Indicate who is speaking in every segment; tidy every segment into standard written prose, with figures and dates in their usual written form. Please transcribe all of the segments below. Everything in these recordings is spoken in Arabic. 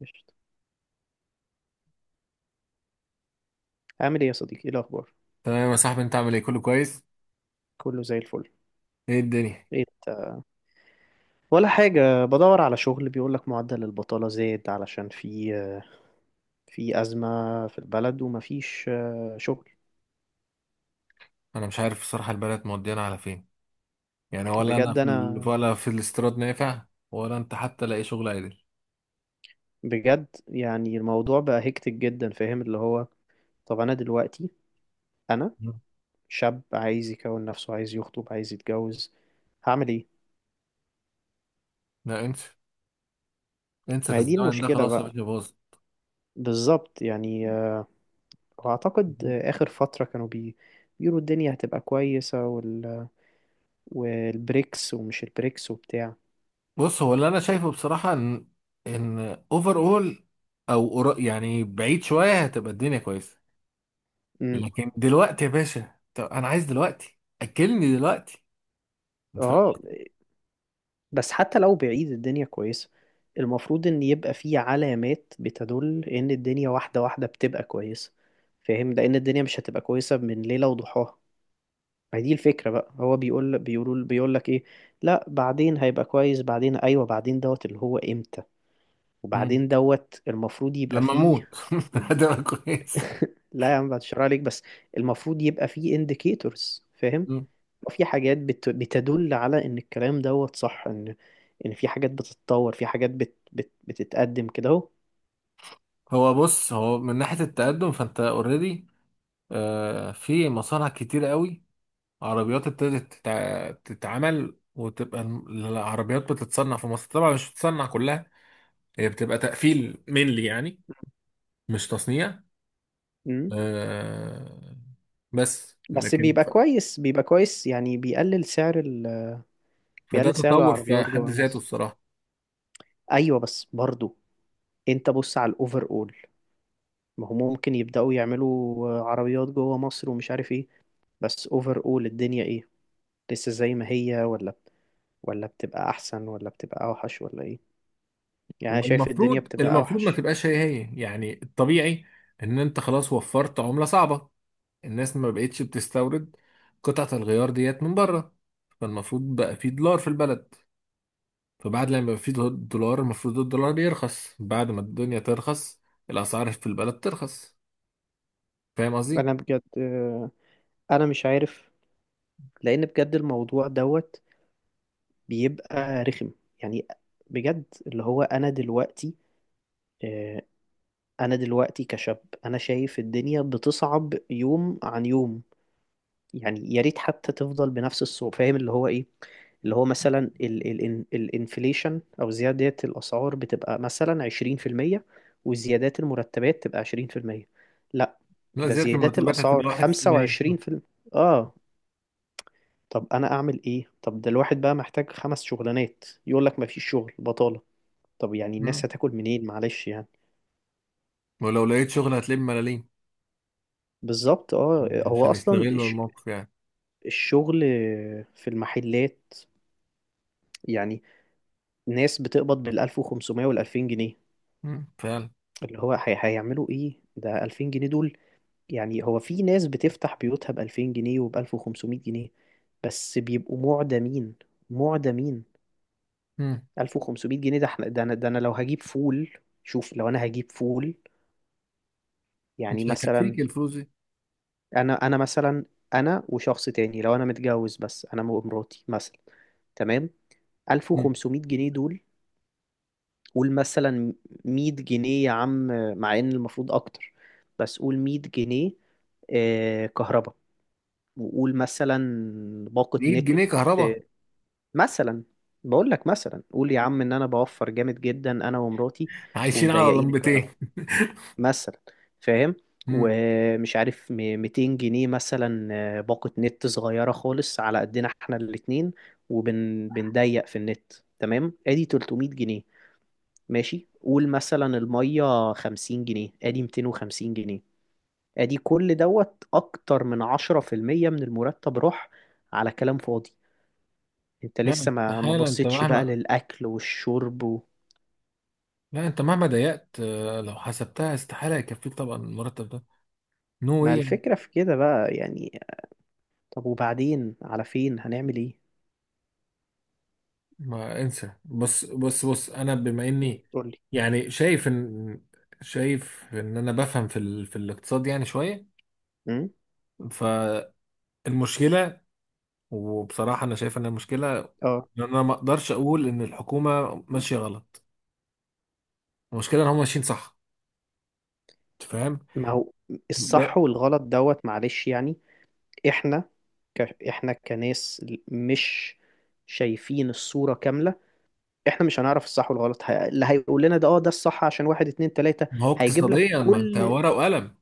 Speaker 1: قشطة. عامل ايه يا صديقي؟ ايه الاخبار؟
Speaker 2: تمام يا صاحبي، انت عامل ايه؟ كله كويس؟
Speaker 1: كله زي الفل.
Speaker 2: ايه الدنيا؟
Speaker 1: ايه انت؟ ولا حاجة، بدور على شغل. بيقول لك معدل البطالة زاد علشان في أزمة في البلد، ومفيش شغل.
Speaker 2: انا مش عارف الصراحه البلد مودينا على فين. يعني ولا انا
Speaker 1: بجد انا،
Speaker 2: ولا في الاستيراد نافع. ولا انت حتى لاقي شغل عادل؟
Speaker 1: بجد يعني الموضوع بقى هيكتك جدا. فاهم اللي هو؟ طب انا دلوقتي، انا
Speaker 2: مم.
Speaker 1: شاب عايز يكون نفسه، عايز يخطب، عايز يتجوز. هعمل ايه؟
Speaker 2: لا انسى، انسى
Speaker 1: ما
Speaker 2: في
Speaker 1: هي دي
Speaker 2: الزمن ده،
Speaker 1: المشكلة
Speaker 2: خلاص يا
Speaker 1: بقى.
Speaker 2: باشا باظ.
Speaker 1: بالظبط يعني، واعتقد اخر فترة كانوا بيقولوا الدنيا هتبقى كويسة، والبريكس ومش البريكس وبتاع.
Speaker 2: بص، هو اللي انا شايفه بصراحه ان اوفر اول، يعني بعيد شويه هتبقى الدنيا كويسه.
Speaker 1: امم
Speaker 2: لكن دلوقتي يا باشا، طب انا عايز دلوقتي، اكلني دلوقتي. انت فاهم؟
Speaker 1: اه بس حتى لو بعيد الدنيا كويسة، المفروض ان يبقى في علامات بتدل ان الدنيا واحدة واحدة بتبقى كويسة. فاهم؟ لان الدنيا مش هتبقى كويسة من ليلة وضحاها. ما هي دي الفكرة بقى. هو بيقول لك ايه؟ لا بعدين هيبقى كويس، بعدين ايوه، بعدين دوت اللي هو امتى؟
Speaker 2: مم.
Speaker 1: وبعدين دوت المفروض يبقى
Speaker 2: لما اموت
Speaker 1: فيه.
Speaker 2: هتبقى كويس.
Speaker 1: لا يا عم، بشرح عليك بس. المفروض يبقى فيه indicators. فاهم؟ في حاجات بتدل على ان الكلام دوت صح، ان في حاجات بتتطور، في حاجات بتتقدم كده اهو.
Speaker 2: هو بص من ناحية التقدم، فانت اوريدي في مصانع كتير قوي. عربيات تتعمل، العربيات بتتصنع في مصر. طبعا مش بتتصنع كلها، هي بتبقى تقفيل مينلي يعني. مش تصنيع.
Speaker 1: أمم.
Speaker 2: آه، بس
Speaker 1: بس
Speaker 2: لكن
Speaker 1: بيبقى
Speaker 2: ف-
Speaker 1: كويس، بيبقى كويس يعني، بيقلل سعر
Speaker 2: فده
Speaker 1: بيقلل سعر
Speaker 2: تطور في
Speaker 1: العربيات
Speaker 2: حد
Speaker 1: جوه
Speaker 2: ذاته
Speaker 1: مصر.
Speaker 2: الصراحة.
Speaker 1: ايوه بس برضو، انت بص على الاوفر اول. ما هم ممكن يبداوا يعملوا عربيات جوه مصر ومش عارف ايه، بس اوفر اول الدنيا ايه؟ لسه زي ما هي، ولا بتبقى احسن، ولا بتبقى اوحش ولا ايه؟ يعني أنا
Speaker 2: هو
Speaker 1: شايف الدنيا
Speaker 2: المفروض
Speaker 1: بتبقى
Speaker 2: المفروض ما
Speaker 1: اوحش.
Speaker 2: تبقاش هي يعني الطبيعي. ان انت خلاص وفرت عملة صعبة، الناس ما بقتش بتستورد قطعة الغيار ديت من بره. فالمفروض بقى في دولار في البلد. فبعد لما يبقى في دولار المفروض الدولار يرخص، بعد ما الدنيا ترخص، الأسعار في البلد ترخص. فاهم قصدي؟
Speaker 1: انا بجد، انا مش عارف، لان بجد الموضوع دوت بيبقى رخم يعني. بجد اللي هو، انا دلوقتي آه، انا دلوقتي كشاب انا شايف الدنيا بتصعب يوم عن يوم. يعني يا ريت حتى تفضل بنفس الصعوبة. فاهم اللي هو ايه؟ اللي هو مثلا ال الانفليشن او زيادة الاسعار بتبقى مثلا 20%، وزيادات المرتبات تبقى 20%. لا،
Speaker 2: لا،
Speaker 1: ده
Speaker 2: زيادة
Speaker 1: زيادات
Speaker 2: المرتبات
Speaker 1: الاسعار
Speaker 2: هتبقى واحد في المية.
Speaker 1: 25%. اه طب انا اعمل ايه؟ طب ده الواحد بقى محتاج خمس شغلانات، يقول لك مفيش شغل، بطالة. طب يعني الناس
Speaker 2: مم.
Speaker 1: هتاكل منين معلش يعني.
Speaker 2: ولو لقيت شغل هتلاقيه بملاليم،
Speaker 1: بالظبط. اه هو
Speaker 2: عشان
Speaker 1: اصلا
Speaker 2: يستغلوا الموقف يعني.
Speaker 1: الشغل في المحلات يعني، ناس بتقبض بال 1500 وال 2000 جنيه.
Speaker 2: مم. فعلا.
Speaker 1: اللي هو هيعملوا ايه ده 2000 جنيه دول؟ يعني هو في ناس بتفتح بيوتها ب 2000 جنيه وب 1500 جنيه، بس بيبقوا معدمين، معدمين.
Speaker 2: مم.
Speaker 1: 1500 جنيه ده احنا، ده انا لو هجيب فول، شوف لو انا هجيب فول يعني
Speaker 2: مش
Speaker 1: مثلا،
Speaker 2: هيكفيك الفلوس دي.
Speaker 1: انا مثلا، انا وشخص تاني، لو انا متجوز بس، انا ومراتي مثلا، تمام،
Speaker 2: مم.
Speaker 1: 1500 جنيه دول. قول مثلا 100 جنيه يا عم، مع ان المفروض اكتر، بس قول 100 جنيه كهرباء. وقول مثلا باقة
Speaker 2: 100
Speaker 1: نت،
Speaker 2: جنيه كهرباء.
Speaker 1: مثلا بقول لك، مثلا قول يا عم ان انا بوفر جامد جدا انا ومراتي،
Speaker 2: عايشين على
Speaker 1: ومضيقين
Speaker 2: لمبتين.
Speaker 1: الكهرباء مثلا. فاهم؟
Speaker 2: مم.
Speaker 1: ومش عارف 200 جنيه مثلا، باقة نت صغيرة خالص على قدنا احنا الاتنين، وبنضيق في النت، تمام، ادي 300 جنيه. ماشي قول مثلا المية 50 جنيه، ادي 250 جنيه. ادي كل دوت اكتر من 10% من المرتب راح على كلام فاضي. انت لسه
Speaker 2: فعلا.
Speaker 1: ما
Speaker 2: استحالة انت
Speaker 1: بصيتش بقى
Speaker 2: مهما
Speaker 1: للاكل والشرب
Speaker 2: لا، انت مهما ضيقت، لو حسبتها، استحالة يكفيك طبعا المرتب ده. نو
Speaker 1: ما
Speaker 2: واي يعني.
Speaker 1: الفكرة في كده بقى يعني. طب وبعدين على فين؟ هنعمل ايه؟
Speaker 2: ما انسى، بص بص بص، انا بما اني
Speaker 1: قول.
Speaker 2: يعني شايف ان، شايف انا بفهم في الاقتصاد يعني شوية.
Speaker 1: امم
Speaker 2: فالمشكلة، وبصراحة انا شايف ان المشكلة
Speaker 1: اه
Speaker 2: ان انا ما اقدرش اقول ان الحكومة ماشية غلط. المشكلة ان هم ماشيين صح. انت فاهم؟
Speaker 1: ما هو
Speaker 2: ب...
Speaker 1: الصح والغلط دوت معلش يعني. احنا ك... احنا كناس مش شايفين الصورة كاملة. احنا مش هنعرف الصح والغلط، اللي هيقول لنا ده اه ده الصح عشان واحد اتنين تلاتة
Speaker 2: ما هو
Speaker 1: هيجيب لك
Speaker 2: اقتصاديا، ما انت
Speaker 1: كل.
Speaker 2: ورقة وقلم.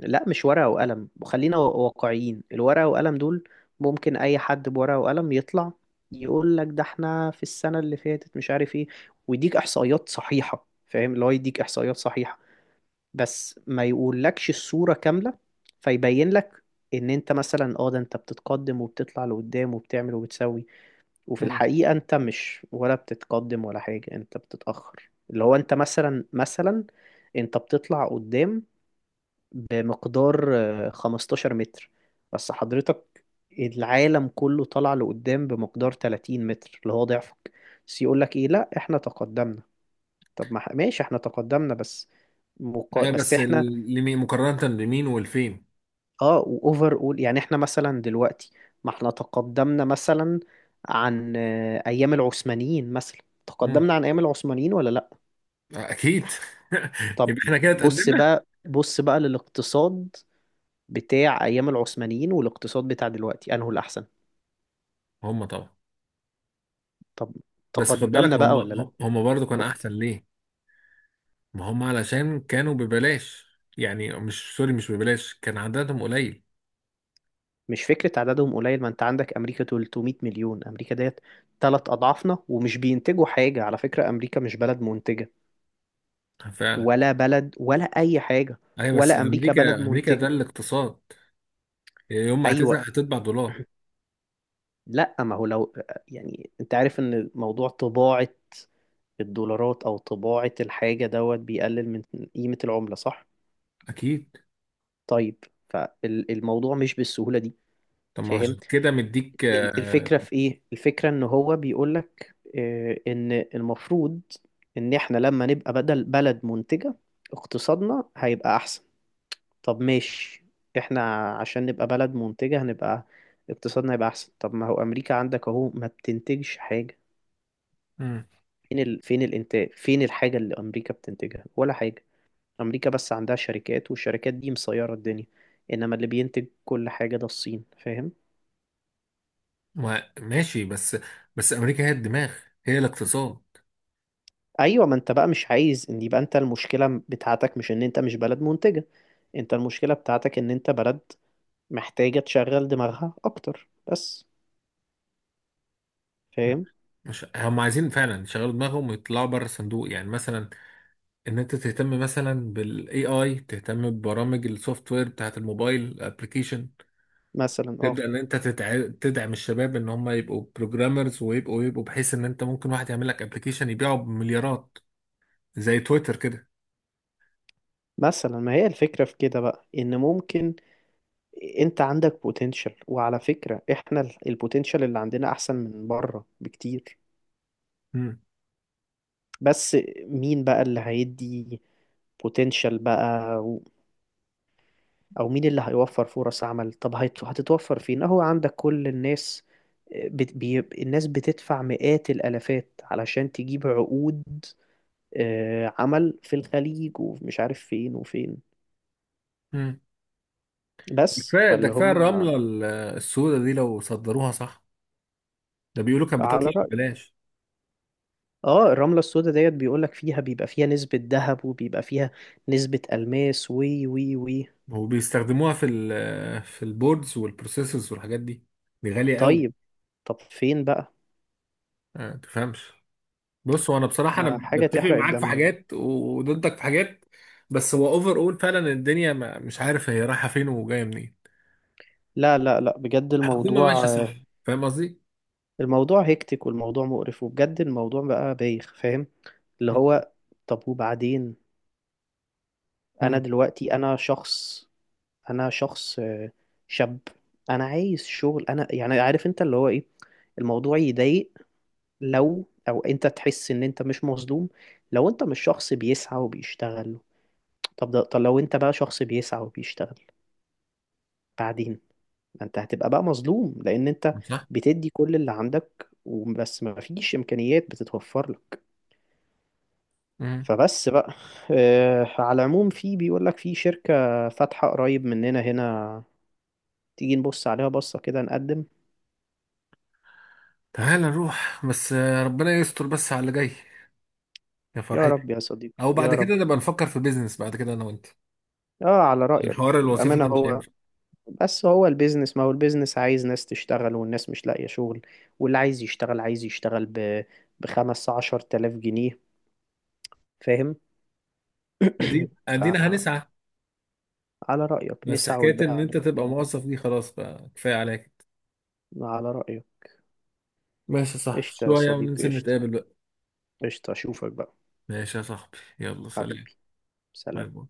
Speaker 1: لا مش ورقة وقلم، وخلينا واقعيين. الورقة وقلم دول ممكن اي حد بورقة وقلم يطلع يقول لك ده احنا في السنة اللي فاتت مش عارف ايه، ويديك احصائيات صحيحة. فاهم اللي هو؟ يديك احصائيات صحيحة بس ما يقولكش الصورة كاملة. فيبين لك ان انت مثلا، ده انت بتتقدم وبتطلع لقدام وبتعمل وبتسوي، وفي
Speaker 2: مم.
Speaker 1: الحقيقة انت مش ولا بتتقدم ولا حاجة، انت بتتأخر. اللي هو انت مثلا، انت بتطلع قدام بمقدار 15 متر، بس حضرتك العالم كله طلع لقدام بمقدار 30 متر اللي هو ضعفك. بس يقولك ايه؟ لا احنا تقدمنا. طب ما ح- ماشي، احنا تقدمنا بس،
Speaker 2: ايوه،
Speaker 1: بس
Speaker 2: بس
Speaker 1: احنا.
Speaker 2: لمين مقارنة بمين والفين؟
Speaker 1: اه واوفر اول يعني احنا مثلا دلوقتي، ما احنا تقدمنا مثلا عن ايام العثمانيين مثلا. تقدمنا عن ايام العثمانيين ولا لا؟
Speaker 2: اكيد.
Speaker 1: طب
Speaker 2: يبقى احنا كده
Speaker 1: بص
Speaker 2: اتقدمنا.
Speaker 1: بقى، بص بقى للاقتصاد بتاع ايام العثمانيين، والاقتصاد بتاع دلوقتي، انه الاحسن.
Speaker 2: هم طبعا.
Speaker 1: طب
Speaker 2: بس خد بالك،
Speaker 1: تقدمنا
Speaker 2: هم
Speaker 1: بقى ولا لا؟
Speaker 2: هم برضو كان احسن
Speaker 1: شفت؟
Speaker 2: ليه؟ ما هم علشان كانوا ببلاش. يعني مش ببلاش، كان عددهم قليل.
Speaker 1: مش فكرة عددهم قليل. ما انت عندك امريكا 300 مليون، امريكا ديت تلات اضعافنا ومش بينتجوا حاجة. على فكرة امريكا مش بلد منتجة،
Speaker 2: فعلا.
Speaker 1: ولا بلد، ولا اي حاجة.
Speaker 2: ايوه بس
Speaker 1: ولا امريكا بلد
Speaker 2: امريكا، امريكا ده
Speaker 1: منتجة.
Speaker 2: الاقتصاد، يوم ما
Speaker 1: ايوه.
Speaker 2: هتزهق هتطبع دولار.
Speaker 1: لا ما هو لو، يعني انت عارف ان موضوع طباعة الدولارات او طباعة الحاجة دوت بيقلل من قيمة العملة، صح؟
Speaker 2: اكيد.
Speaker 1: طيب. فالموضوع مش بالسهولة دي.
Speaker 2: طب ما عشان
Speaker 1: فاهم؟
Speaker 2: كده مديك آه،
Speaker 1: الفكرة في ايه؟ الفكرة ان هو بيقولك ان المفروض ان احنا لما نبقى بدل بلد منتجة، اقتصادنا هيبقى احسن. طب ماشي، احنا عشان نبقى بلد منتجة هنبقى، اقتصادنا هيبقى احسن. طب ما هو امريكا عندك اهو ما بتنتجش حاجة.
Speaker 2: مم.
Speaker 1: فين فين الانتاج؟ فين الحاجة اللي امريكا بتنتجها؟ ولا حاجة. امريكا بس عندها شركات، والشركات دي مسيرة الدنيا. انما اللي بينتج كل حاجة ده الصين. فاهم؟
Speaker 2: ماشي. بس امريكا هي الدماغ، هي الاقتصاد.
Speaker 1: ايوه، ما انت بقى مش عايز ان يبقى، انت المشكلة بتاعتك مش ان انت مش بلد منتجة، انت المشكلة بتاعتك ان انت بلد محتاجة تشغل دماغها اكتر بس. فاهم؟
Speaker 2: مش هم عايزين فعلا يشغلوا دماغهم ويطلعوا بره الصندوق؟ يعني مثلا ان انت تهتم مثلا بالاي اي، تهتم ببرامج السوفت وير بتاعت الموبايل الابلكيشن.
Speaker 1: مثلا
Speaker 2: تبدا ان انت تدعم الشباب ان هم يبقوا بروجرامرز، ويبقوا بحيث ان انت ممكن واحد يعمل لك ابلكيشن يبيعه بمليارات، زي تويتر كده.
Speaker 1: مثلا، ما هي الفكرة في كده بقى، ان ممكن انت عندك بوتنشال، وعلى فكرة احنا البوتنشال اللي عندنا احسن من بره بكتير.
Speaker 2: امم
Speaker 1: بس مين بقى اللي هيدي بوتنشال بقى، او مين اللي هيوفر فرص عمل؟ طب هتتوفر فين اهو؟ عندك كل الناس، الناس بتدفع مئات الالافات علشان تجيب عقود عمل في الخليج، ومش عارف فين وفين،
Speaker 2: امم
Speaker 1: بس
Speaker 2: كفايه ده
Speaker 1: فاللي هو،
Speaker 2: كفايه، الرمله السوداء دي لو صدروها صح، ده بيقولوا كانت
Speaker 1: على
Speaker 2: بتطلع
Speaker 1: رأي.
Speaker 2: ببلاش.
Speaker 1: اه الرملة السوداء ديت بيقولك فيها، بيبقى فيها نسبة ذهب وبيبقى فيها نسبة ألماس وي وي وي.
Speaker 2: وبيستخدموها في البوردز والبروسيسورز والحاجات دي، دي غاليه قوي.
Speaker 1: طيب، طب فين بقى؟
Speaker 2: ما تفهمش. بص، هو انا بصراحه
Speaker 1: ما
Speaker 2: انا
Speaker 1: حاجة
Speaker 2: بتفق
Speaker 1: تحرق
Speaker 2: معاك في
Speaker 1: الدم بقى.
Speaker 2: حاجات وضدك في حاجات. بس هو اوفر اول فعلا الدنيا، ما مش عارف هي رايحه فين وجايه منين.
Speaker 1: لا لا لا، بجد
Speaker 2: الحكومه
Speaker 1: الموضوع،
Speaker 2: ماشيه صح. فاهم قصدي؟
Speaker 1: الموضوع هيكتك، والموضوع مقرف، وبجد الموضوع بقى بايخ. فاهم اللي
Speaker 2: مم.
Speaker 1: هو؟ طب وبعدين؟ انا
Speaker 2: مم.
Speaker 1: دلوقتي انا شخص، انا شخص آه، شاب، انا عايز شغل. انا يعني عارف انت اللي هو ايه، الموضوع يضايق لو او انت تحس ان انت مش مظلوم، لو انت مش شخص بيسعى وبيشتغل. طب لو انت بقى شخص بيسعى وبيشتغل بعدين، ما انت هتبقى بقى مظلوم، لان انت
Speaker 2: صح.
Speaker 1: بتدي كل اللي عندك وبس، ما فيش امكانيات بتتوفر لك.
Speaker 2: مم.
Speaker 1: فبس بقى، على العموم في، بيقول لك في شركة فاتحة قريب مننا هنا، تيجي نبص عليها بصة كده نقدم.
Speaker 2: تعال نروح، بس ربنا يستر بس على اللي جاي. يا
Speaker 1: يا
Speaker 2: فرحتي.
Speaker 1: رب يا صديقي
Speaker 2: او بعد
Speaker 1: يا رب.
Speaker 2: كده نبقى نفكر في بيزنس بعد كده انا وانت،
Speaker 1: اه على
Speaker 2: عشان
Speaker 1: رأيك.
Speaker 2: حوار الوظيفه
Speaker 1: بأمانة،
Speaker 2: ده مش هينفع.
Speaker 1: بس هو البيزنس، ما هو البيزنس عايز ناس تشتغل، والناس مش لاقية شغل، واللي عايز يشتغل عايز يشتغل بخمس عشر تلاف جنيه. فاهم؟
Speaker 2: ادينا ادينا
Speaker 1: فعلى
Speaker 2: هنسعى.
Speaker 1: رأيك
Speaker 2: بس
Speaker 1: نسعى
Speaker 2: حكايه
Speaker 1: والباقي
Speaker 2: ان
Speaker 1: على
Speaker 2: انت تبقى
Speaker 1: ربنا.
Speaker 2: موظف دي خلاص، بقى كفايه عليك.
Speaker 1: على رأيه.
Speaker 2: ماشي يا صاحبي،
Speaker 1: قشطة يا
Speaker 2: شويه
Speaker 1: صديقي،
Speaker 2: وننزل
Speaker 1: قشطة،
Speaker 2: نتقابل بقى.
Speaker 1: قشطة. أشوفك بقى
Speaker 2: ماشي يا صاحبي، يلا سلام.
Speaker 1: حبيبي.
Speaker 2: باي
Speaker 1: سلام.
Speaker 2: باي.